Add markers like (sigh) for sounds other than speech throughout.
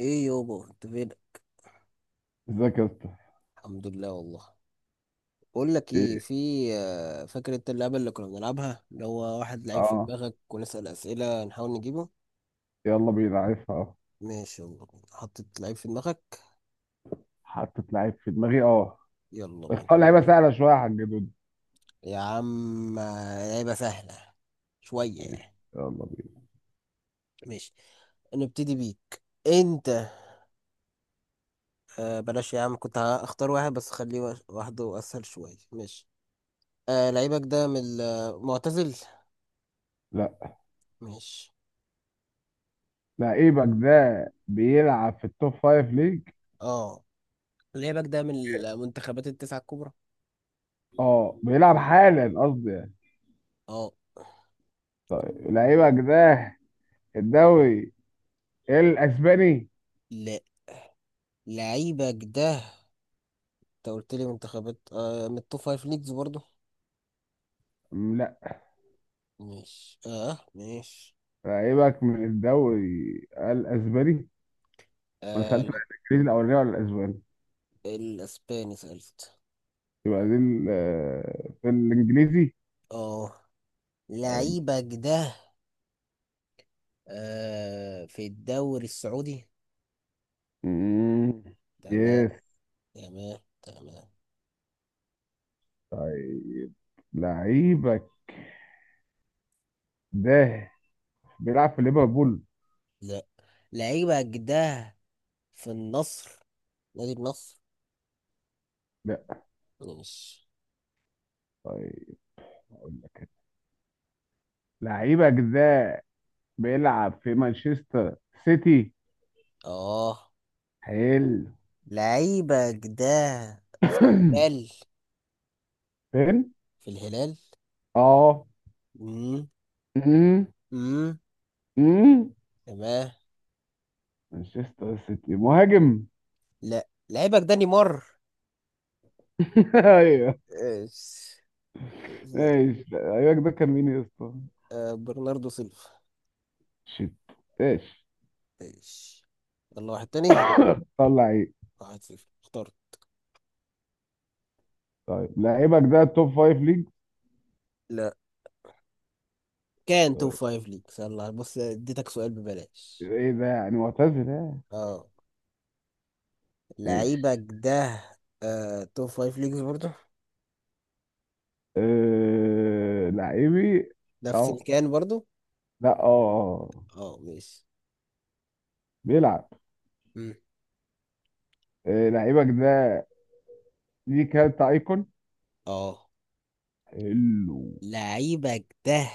ايه يابا، انت فين؟ ازيك يا اسطى؟ الحمد لله والله. بقول لك ايه، ايه؟ في فاكر انت اللعبه اللي كنا بنلعبها، اللي هو واحد لعيب في اه، دماغك ونسال اسئله نحاول نجيبه؟ يلا بينا، عارفها اه. ماشي، يلا بينا. حطيت لعيب في دماغك. حطيت لعيب في دماغي اه. يلا (laughs) بينا. اختار لعيبه سهله شويه يا حاج دود. يا عم لعبه سهله شويه ماشي يعني. يلا بينا. ماشي، نبتدي بيك انت. آه بلاش يا عم، كنت هختار واحد بس خليه واحده اسهل شويه. ماشي. آه، لعيبك ده من المعتزل؟ لا، ماشي. لعيبك ده بيلعب في التوب فايف ليج؟ اه، لعيبك ده من المنتخبات التسعه الكبرى؟ اه بيلعب حالا قصدي يعني. اه. طيب لعيبك ده الدوري الاسباني؟ لا، لعيبك ده انت قلت لي منتخبات من التوب فايف ليجز برضو. لا، ماشي، اه ماشي. لعيبك من الدوري الاسباني؟ انا آه سالت لا. الانجليزي الاولاني ولا الاسباني؟ الاسباني سألت. يبقى دي في الانجليزي. اه. حلو. لعيبك ده في الدوري السعودي. مم. تمام. يس. تمام تمام. طيب لعيبك ده بيلعب في ليفربول؟ لا، لعيبك ده في النصر، نادي النصر. لا. ماشي. طيب اقول لك أنا. لعيبك ده بيلعب في مانشستر سيتي. اه. حلو. لعيبك ده في (coughs) الهلال، فين؟ في الهلال. اه. امم أمم، امم أمم. تمام. مانشستر سيتي مهاجم. لا، لعيبك ده نيمار. (laughs) ايوه. آه، لا، ماشي، لعيبك ده كان مين يا اسطى؟ آه، برناردو سيلفا. شيت. ماشي. ماشي. يلا واحد تاني. (coughs) طلع ايه؟ واحد صفر، اختار. طيب لعيبك ده توب فايف ليج؟ لا، كان توب طيب فايف ليك. يلا بص، اديتك سؤال ببلاش. ايه ده، يعني معتزل، ها؟ اه. لعيبك ماشي. ده آه، توب فايف ليجز برضو، لعيبي. نفس اللي اه. كان برضو. لا اه اه ماشي. بيلعب. مم. لعيبك ده ليه كارت ايكون. اه. حلو. لعيبك ده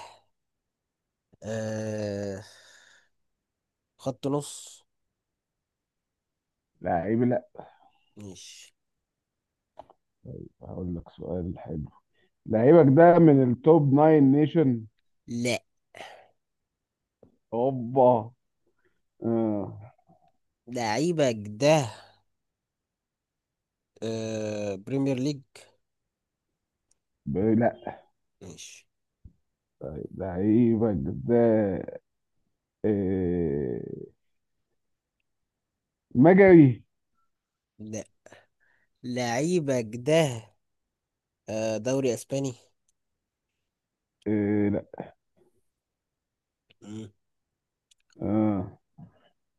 آه خط نص. لعيب لا. ماشي. هقول لك سؤال حلو. لعيبك ده من التوب ناين نيشن؟ لا، اوبا. آه. لعيبك ده بريمير ليج. ب- لا. ماشي. طيب لعيبك ده آه مجري؟ لا، لعيبك ده آه، دوري اسباني. آه لا. مم. آه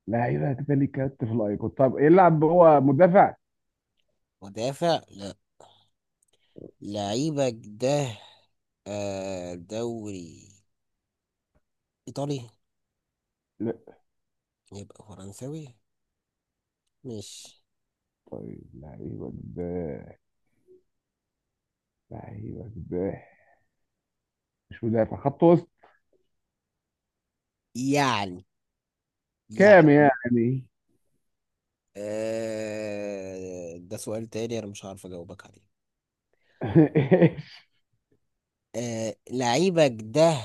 لعيبك ده ليه كارت في الايكون، طب يلعب هو مدافع؟ مدافع لا. لعيبك ده آه، دوري ايطالي. لا. يبقى فرنساوي مش؟ طيب لعيبك ده لعيبه سباح، مش مدافع خط وسط. يعني كام يعني يعني؟ آه، ده سؤال تاني، انا مش عارف اجاوبك عليه. (laughs) ايش؟ آه، لعيبك ده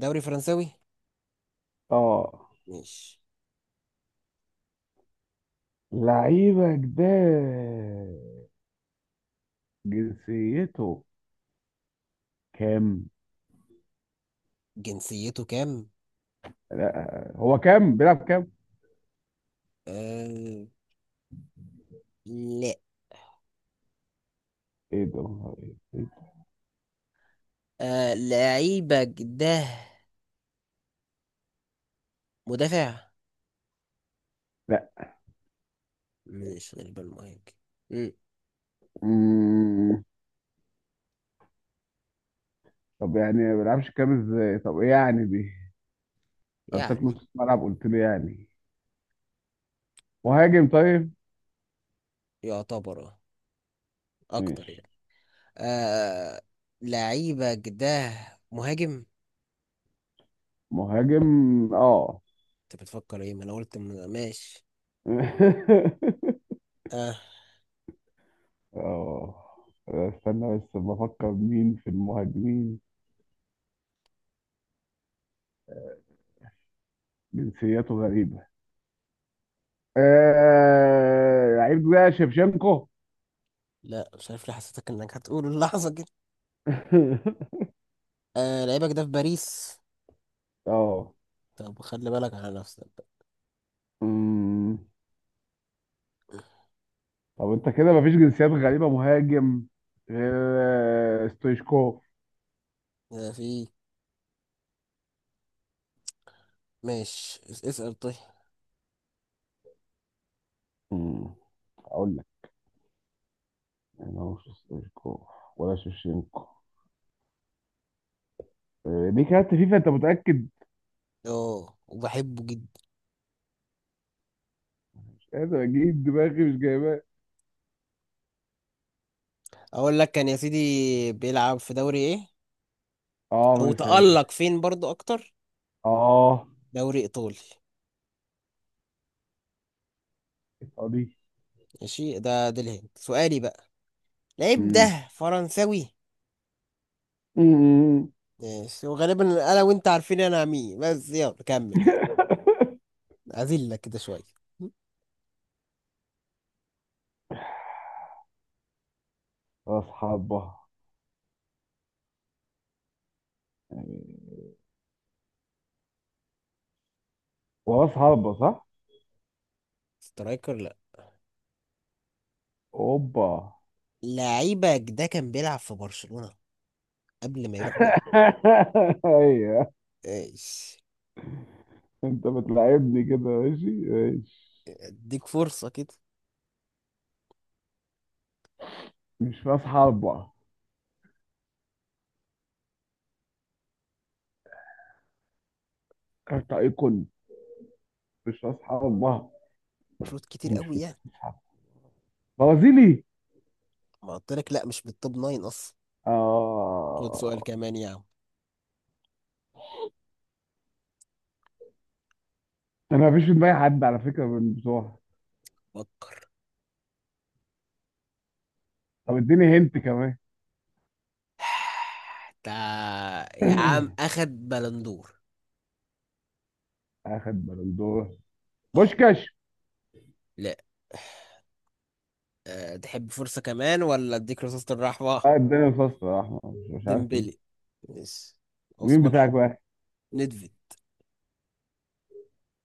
دوري فرنساوي اه، مش؟ لعيبه جداد. جنسيته كام؟ جنسيته كام؟ لا هو كام، بيلعب كام؟ آه، لا. ايه ده؟ آه، لعيبك ده مدافع لا. مش؟ غالبا مهاجم مم. طب يعني ما بيلعبش كام؟ ازاي طب ايه يعني دي؟ قلتلك يعني. نص ملعب قلت لي يعني مهاجم. طيب يعتبر آه، اكتر ماشي، يعني. آه، لعيبك ده مهاجم. مهاجم اه. انت بتفكر ايه؟ ما انا قلت ماشي. (laughs) اه. اه. استنى بس، بفكر مين في المهاجمين. جنسيته غريبة. لعيب ده شevchenko. لا، مش عارف ليه حسيتك انك هتقول اللحظة كده. آه، لعيبك ده في باريس. (laughs) اه. طب خلي بالك على نفسك بقى. أمم. طب انت كده مفيش جنسيات غريبة مهاجم غير ستويشكوف. آه. في. ماشي اسأل طيب. أمم. اقول لك، انا مش ستويشكوف ولا شيفشينكو؟ دي كانت فيفا؟ انت متأكد؟ اه، وبحبه جدا. مش قادر اجيب دماغي، مش جايباه. اقول لك، كان يا سيدي بيلعب في دوري ايه؟ اه او مثلا. تألق فين برضو اكتر؟ اه دوري ايطالي. دي. ماشي. ده الهند سؤالي بقى. لعيب أمم. ده فرنساوي. أمم. ماشي. وغالبا انا وانت عارفين انا مين، بس يلا كمل يعني. (laughs) اذلك كده شويه. راس حربة. آه، وراس حربة، صح؟ سترايكر لا. اوبا. لعيبك ده كان بيلعب في برشلونة قبل ما يروح. بالي؟ (laughs) ايوه. ايش؟ انت بتلعبني كده؟ ماشي ماشي. اديك فرصة كده. مش في اصحابها. كارت ايقون. مش في اصحابها. كروت كتير ومش قوي في يعني. اصحابها. برازيلي. ما قلت لك لا، مش بالتوب ناين اصلا. خد سؤال اه. كمان يا عم. انا مفيش في دماغي حد على فكره من بتوعها. فكر. طب اديني هنت كمان. (sighs) تا. يا عم (clears throat) اخد بلندور. اخد بالندور. اه. بوشكاش. لا. تحب فرصة كمان، ولا اديك رصاصة الرحمة؟ اه الدنيا الفصل يا احمد، مش عارف مين. ديمبلي. ماشي. مين عثمان بتاعك حد بقى؟ ندفد.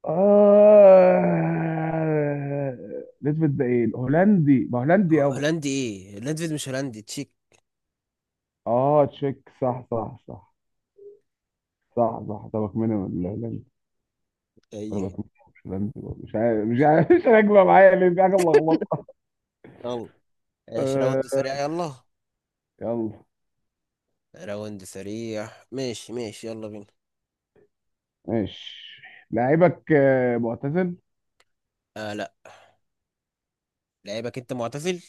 اه. نسبة ده ايه، الهولندي؟ ما هولندي يابا. هولندي ايه؟ ليدفيد مش هولندي، تشيك. اه تشيك، صح صح صح، صح صح. طبق منهم الاعلامي؟ ايه. طبق منهم، مش اعلامي، مش عارف، مش عارف. (laughs) مش راكبه معايا ليه، في حاجه ملخبطه. يلا. ايش آه، راوند سريع، يلا. يلا. راوند سريع. ماشي ماشي، يلا بينا. ماشي. لعيبك معتزل؟ آه لا، لعيبك انت معتزل.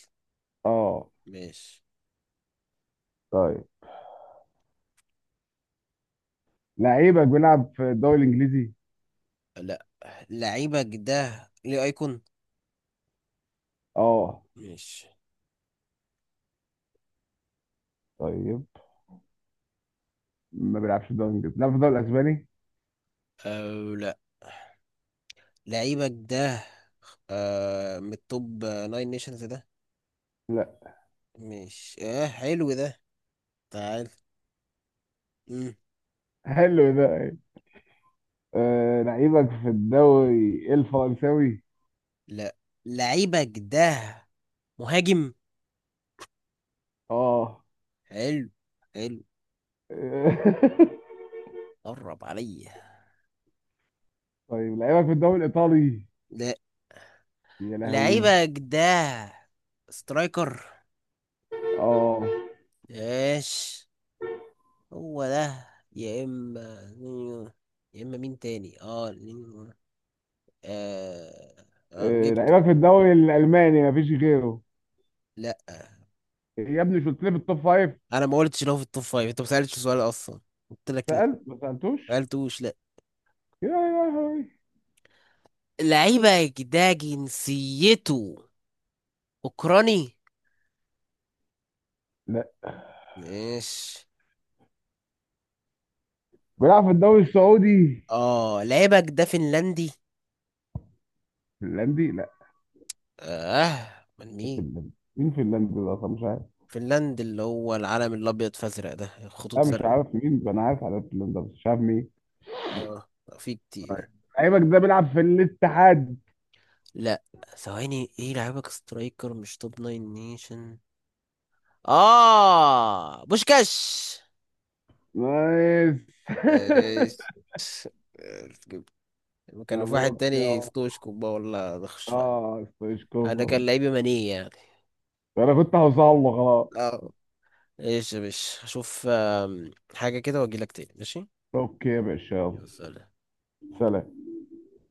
اه. ماشي. طيب لعيبك بيلعب في الدوري الانجليزي؟ لا، لعيبك ده ليه ايكون. اه. ماشي. طيب ما بيلعبش في الدوري الانجليزي، بيلعب في الدوري الاسباني. او لا. لعيبك ده آه، من التوب ناين نيشنز ده. لا. ماشي. اه حلو ده. تعال. مم. حلو ده. أيوة. آه، لعيبك في الدوري الفرنساوي؟ لا، لعيبك ده مهاجم. اه. حلو. حلو. (laughs) قرب عليا. طيب لعيبك في الدوري الايطالي؟ لا، يا لهوي. لعيبة جداه. سترايكر. اه. ايش. هو ده يا اما نينيو، يا اما مين تاني. اه نينيو. آه، آه آه، جبته. لعيبك في الدوري الالماني، مفيش غيره. لا. يا ابني مش قلت لي في التوب فايف؟ انا ما قلتش لو في التوب فايف، انت ما سالتش سؤال اصلا. قلت لك لا، سألت ما ما سألتوش. قلتوش لا. يا يا يا لعيبة ده جنسيته اوكراني. لا. ماشي. بيلعب في الدوري السعودي؟ اه، لعيبة ده فنلندي. فنلندي لا؟ اه، من مين؟ فنلندي مين، فنلندي ده اصلا مش عارف. فنلند اللي هو العلم الابيض فازرق ده، خطوط انا مش زرق. عارف مين، انا عارف على فنلندا بس مش عارف مين. اه، في كتير. لعيبك ده بيلعب في الاتحاد؟ لا، ثواني. ايه لعيبك؟ سترايكر مش توب ناين نيشن. اه، بوشكاش. نايس. (laughs) ايش. جبت؟ كان في واحد مبروك يا تاني، عم. ستوشكو بقى، والله بخش فعلا. اه، انا ستويشكوف. كان لعيبي ماني يعني. انا كنت هوصل له خلاص. اه. ايش يا باشا، اشوف حاجة كده واجيلك تاني. ماشي. اوكي يا باشا يلا. يا سلام. سلام.